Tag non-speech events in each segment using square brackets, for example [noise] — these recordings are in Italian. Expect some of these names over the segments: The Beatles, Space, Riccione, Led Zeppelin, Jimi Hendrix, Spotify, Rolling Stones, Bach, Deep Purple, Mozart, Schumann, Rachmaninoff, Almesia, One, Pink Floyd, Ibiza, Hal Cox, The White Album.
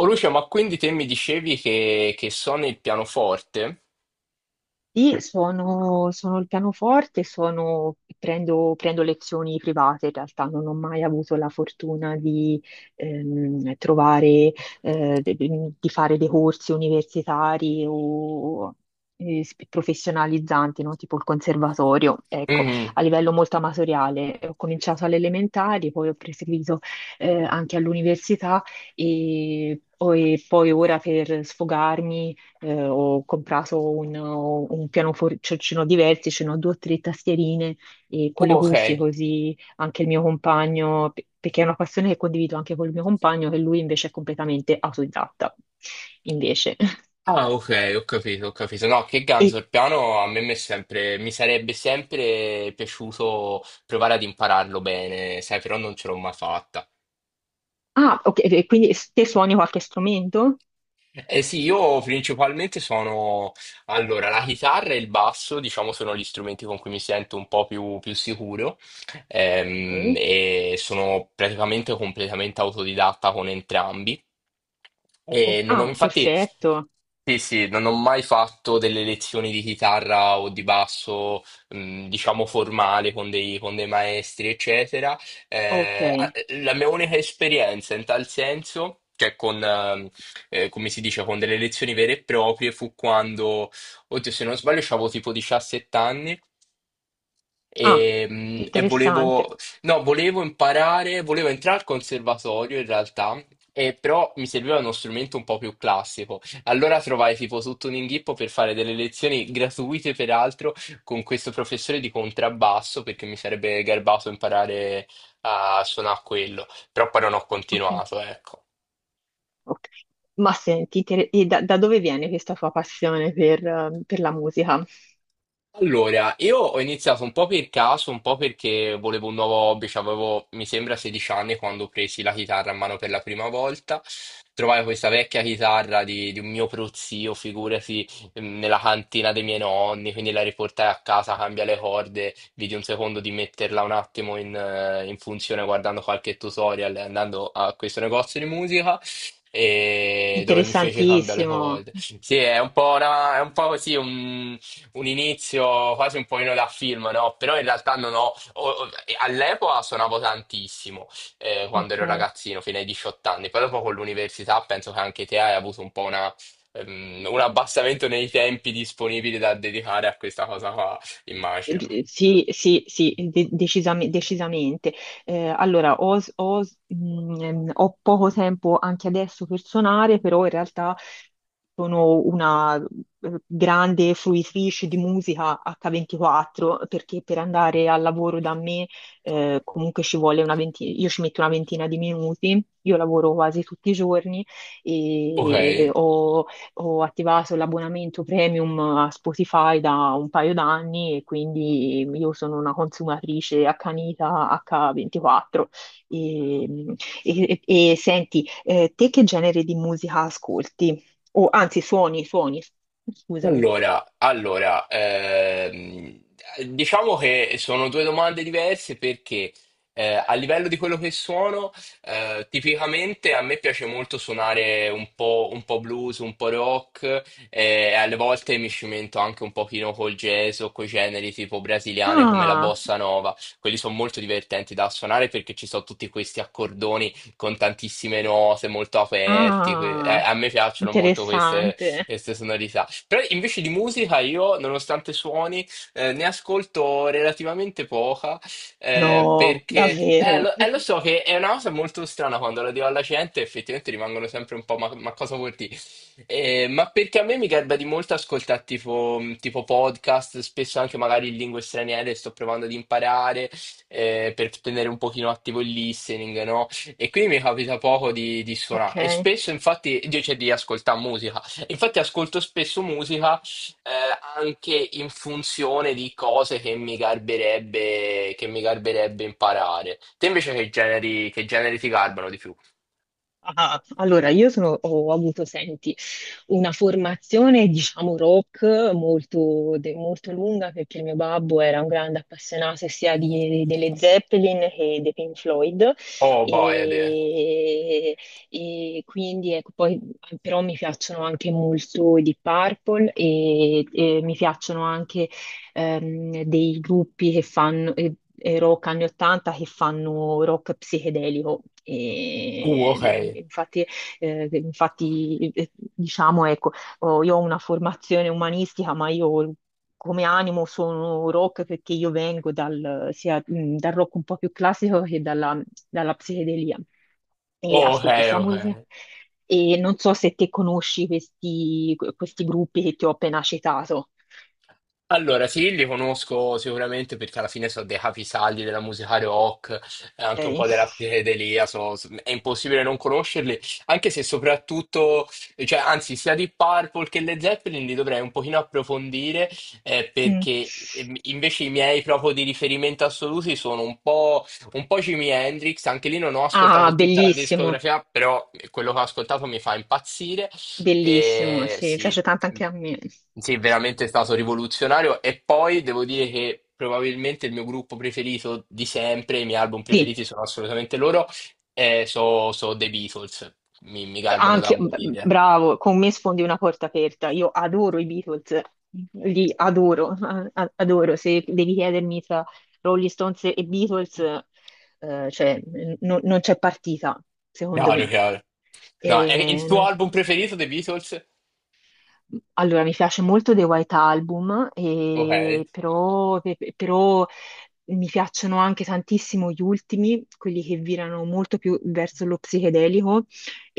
Oh Lucio, ma quindi te mi dicevi che suoni il pianoforte? Sì, sono il pianoforte, prendo lezioni private, in realtà non ho mai avuto la fortuna di trovare, di fare dei corsi universitari o professionalizzanti, no? Tipo il conservatorio. Ecco, Mhm. a livello molto amatoriale ho cominciato alle elementari, poi ho proseguito anche all'università e poi ora per sfogarmi ho comprato un pianoforcino di vertice, no? Due o tre tastierine e con le Ok. cuffie così anche il mio compagno, perché è una passione che condivido anche col mio compagno, che lui invece è completamente autodidatta, invece. [laughs] Ah, ok, ho capito, ho capito. No, che ganzo, E, il piano a me mi è sempre, mi sarebbe sempre piaciuto provare ad impararlo bene, sai, però non ce l'ho mai fatta. ah, ok, e quindi te suoni qualche strumento? Eh sì, io principalmente sono... Allora, la chitarra e il basso, diciamo, sono gli strumenti con cui mi sento un po' più, più sicuro, Ok. e sono praticamente completamente autodidatta con entrambi. Oh, E non ho, ah, infatti, perfetto, sì, sì, non ho mai fatto delle lezioni di chitarra o di basso, diciamo, formale con dei maestri, eccetera. ok. Eh, a- la mia unica esperienza in tal senso, cioè con, come si dice, con delle lezioni vere e proprie, fu quando, oddio, se non sbaglio, avevo tipo 17 anni Ah, e, e interessante. volevo, no, volevo imparare, volevo entrare al conservatorio in realtà. E però mi serviva uno strumento un po' più classico. Allora trovai tipo tutto un inghippo per fare delle lezioni gratuite, peraltro, con questo professore di contrabbasso, perché mi sarebbe garbato imparare a suonare quello. Però poi non ho Ok. continuato, ecco. Ok. Ma senti, e da dove viene questa tua passione per la musica? Allora, io ho iniziato un po' per caso, un po' perché volevo un nuovo hobby, cioè avevo, mi sembra, 16 anni quando presi la chitarra a mano per la prima volta. Trovai questa vecchia chitarra di un mio prozio, figurati, nella cantina dei miei nonni, quindi la riportai a casa, cambia le corde, vidi un secondo di metterla un attimo in, in funzione guardando qualche tutorial e andando a questo negozio di musica. E dove mi fece cambiare le Interessantissimo. corde. Sì, è un po', è un po' così, un inizio quasi un pochino da film, no? Però in realtà non ho... all'epoca suonavo tantissimo, quando Ok. ero ragazzino, fino ai 18 anni. Poi dopo con l'università penso che anche te hai avuto un po' una, un abbassamento nei tempi disponibili da dedicare a questa cosa qua, immagino. Sì, sì, sì, decisamente. Allora, ho poco tempo anche adesso per suonare, però in realtà sono una grande fruitrice di musica H24 perché per andare al lavoro da me comunque ci vuole una ventina, io ci metto una ventina di minuti, io lavoro quasi tutti i giorni Ok. e ho attivato l'abbonamento premium a Spotify da un paio d'anni e quindi io sono una consumatrice accanita H24. E, e senti, te che genere di musica ascolti? O anzi, suoni, suoni, scusami. Allora, diciamo che sono due domande diverse perché a livello di quello che suono, tipicamente a me piace molto suonare un po' blues, un po' rock, e alle volte mi cimento anche un pochino col jazz o coi generi tipo brasiliane come la Ah, bossa nova. Quelli sono molto divertenti da suonare perché ci sono tutti questi accordoni con tantissime note molto aperti. Ah, A me piacciono molto queste interessante. queste sonorità. Però invece di musica io, nonostante suoni, ne ascolto relativamente poca, No, perché davvero. Lo so che è una cosa molto strana quando la dico alla gente, effettivamente rimangono sempre un po' ma cosa vuol dire? Ma perché a me mi garba di molto ascoltare tipo, tipo podcast, spesso anche magari in lingue straniere, sto provando ad imparare, per tenere un pochino attivo il listening, no? E quindi mi capita poco di suonare. E Ok. spesso infatti, io cioè, di ascoltare musica. Infatti ascolto spesso musica, eh, anche in funzione di cose che mi garberebbe imparare. Te invece che generi ti garbano di più? Ah, allora, io ho avuto, senti, una formazione, diciamo, rock molto, molto lunga perché il mio babbo era un grande appassionato sia delle Zeppelin che dei Pink Floyd Oh boy, Ade. e, e quindi ecco, poi però mi piacciono anche molto i Deep Purple e mi piacciono anche dei gruppi che fanno rock anni 80 che fanno rock psichedelico. E, Ok. eh, infatti eh, infatti, eh, diciamo, ecco, io ho una formazione umanistica, ma io come animo sono rock perché io vengo dal rock un po' più classico che dalla psichedelia. E Oh, ok, ascolto sia ok. musica. E non so se te conosci questi gruppi che ti ho appena citato. Allora, sì, li conosco sicuramente perché alla fine sono dei capisaldi della musica rock, anche un po' Ok. della psichedelia, è impossibile non conoscerli, anche se soprattutto, cioè, anzi, sia di Purple che le Zeppelin li dovrei un pochino approfondire, Mm. perché invece i miei proprio di riferimento assoluti sono un po' Jimi Hendrix, anche lì non ho Ah, ascoltato tutta la bellissimo, discografia, però quello che ho ascoltato mi fa impazzire. bellissimo, E sì, mi sì, piace tanto anche a me. sì, veramente è stato rivoluzionario. E poi devo dire che probabilmente il mio gruppo preferito di sempre, i miei album Sì. preferiti sono assolutamente loro, e so, so The Beatles. Mi garbano da Anche, morire. bravo, con me sfondi una porta aperta. Io adoro i Beatles, li adoro, adoro. Se devi chiedermi tra Rolling Stones e Beatles, cioè, non c'è partita, secondo Chiaro, me. chiaro. No, è il tuo album preferito, The Beatles? Allora, mi piace molto The White Album, Ok. e però mi piacciono anche tantissimo gli ultimi, quelli che virano molto più verso lo psichedelico,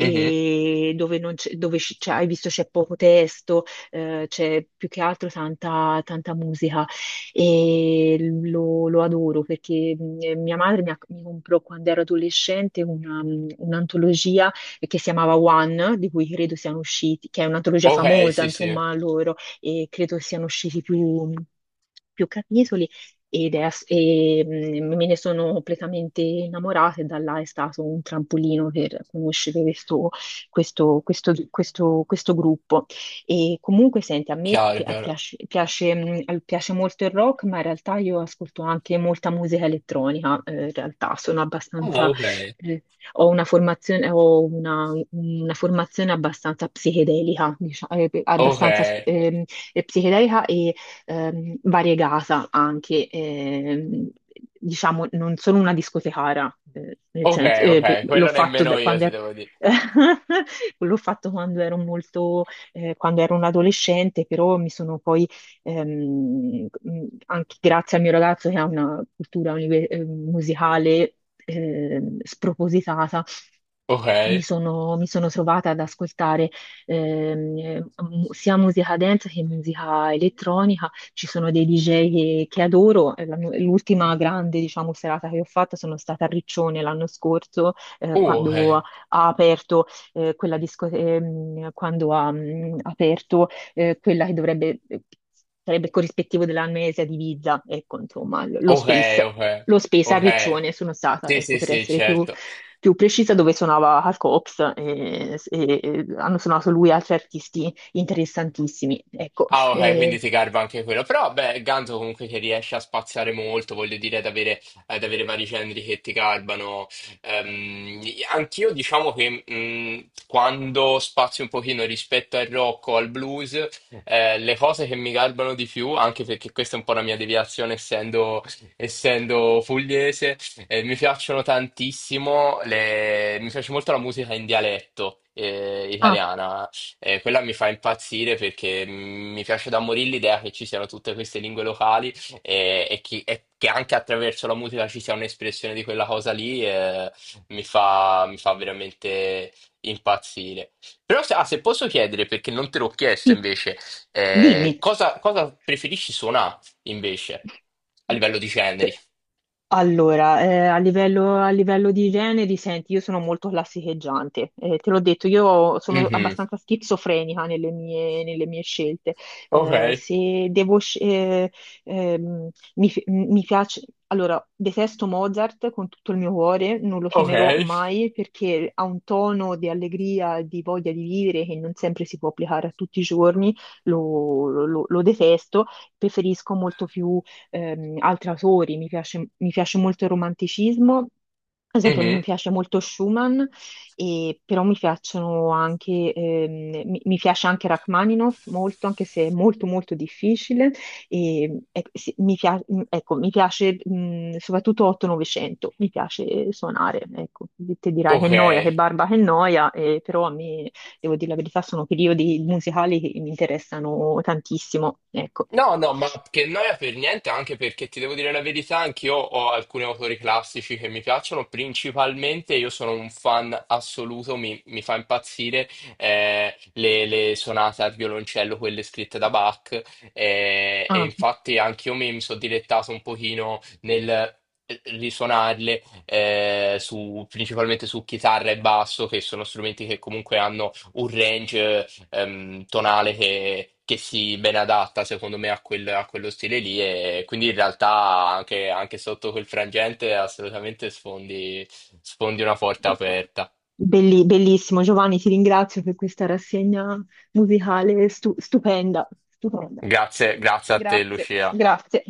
Mhm. dove, non c'è- dove c- c'è- hai visto c'è poco testo, c'è più che altro tanta musica e lo adoro perché mia madre mi comprò quando ero adolescente un'antologia che si chiamava One, di cui credo siano usciti, che è un'antologia Ok, famosa, sì, sì. insomma, loro, e credo siano usciti più capitoli. Ed è ass- e, mm, me ne sono completamente innamorata e da là è stato un trampolino per conoscere questo gruppo. E comunque, senti, a me Chiaro, chiaro. Piace molto il rock, ma in realtà io ascolto anche molta musica elettronica, in realtà sono Ah, abbastanza ok. eh, ho una formazione abbastanza psichedelica, diciamo, Ok, psichedelica e variegata anche. Diciamo, non sono una discotecara, nel ok, senso, beh, ok. l'ho Quello fatto nemmeno da io quando ti ero. devo dire. [laughs] L'ho fatto quando ero un adolescente, però mi sono poi anche grazie al mio ragazzo che ha una cultura musicale spropositata, Ok. mi sono trovata ad ascoltare ehm, eh, sia musica dance che musica elettronica. Ci sono dei DJ che adoro. L'ultima grande, diciamo, serata che ho fatto sono stata a Riccione l'anno scorso, quando Ok. ha aperto quella discoteca, quando ha aperto quella che sarebbe corrispettivo della Almesia di Ibiza, ecco, insomma, lo Ok, Space, ok, lo Space a ok. Riccione sono stata, Sì, ecco, sì, per sì, essere più, certo. più precisa, dove suonava Hal Cox e hanno suonato lui e altri artisti interessantissimi, ecco. Ah, ok, quindi Eh, ti garba anche quello. Però, beh, Ganzo comunque che riesce a spaziare molto, voglio dire, ad avere vari generi che ti garbano. Ehm, Anch'io diciamo che quando spazio un pochino rispetto al rock o al blues, le cose che mi garbano di più, anche perché questa è un po' la mia deviazione essendo, essendo pugliese, mi piacciono tantissimo, mi piace molto la musica in dialetto, ah, italiana, e quella mi fa impazzire perché mi piace da morire l'idea che ci siano tutte queste lingue locali e, e che anche attraverso la musica ci sia un'espressione di quella cosa lì, mi fa veramente impazzire. Però se, ah, se posso chiedere, perché non te l'ho chiesto sì, invece, dimmi. cosa, cosa preferisci suonare invece a livello di generi? Allora, a livello di generi, senti, io sono molto classicheggiante. Te l'ho detto, io sono Mhm. abbastanza schizofrenica nelle mie scelte. Ok, Se devo, sc- ehm, mi, fi- mi piace, allora, detesto Mozart con tutto il mio cuore, non lo ok. suonerò mai perché ha un tono di allegria, e di voglia di vivere che non sempre si può applicare a tutti i giorni, lo detesto, preferisco molto più altri autori, mi piace molto il romanticismo, ad esempio mi Mhm. piace molto Schumann, però mi piacciono anche, mi piace anche Rachmaninoff molto, anche se è molto molto difficile. E, ecco, sì, mi, pia- ecco, mi piace soprattutto 8-900, mi piace suonare, ecco, te dirai che Ok. noia, che barba, che noia, però a me, devo dire la verità, sono periodi musicali che mi interessano tantissimo, ecco. No, no, ma che noia per niente, anche perché ti devo dire la verità, anch'io ho alcuni autori classici che mi piacciono, principalmente io sono un fan assoluto, mi fa impazzire, le sonate al violoncello, quelle scritte da Bach, e Ah. infatti anch'io mi, mi sono dilettato un pochino nel, risuonarle, principalmente su chitarra e basso, che sono strumenti che comunque hanno un range tonale che si ben adatta secondo me a, a quello stile lì e quindi in realtà anche, anche sotto quel frangente assolutamente sfondi, sfondi una porta aperta. Bellissimo, Giovanni, ti ringrazio per questa rassegna musicale stupenda, stupenda. Grazie, grazie a te Grazie, Lucia. grazie.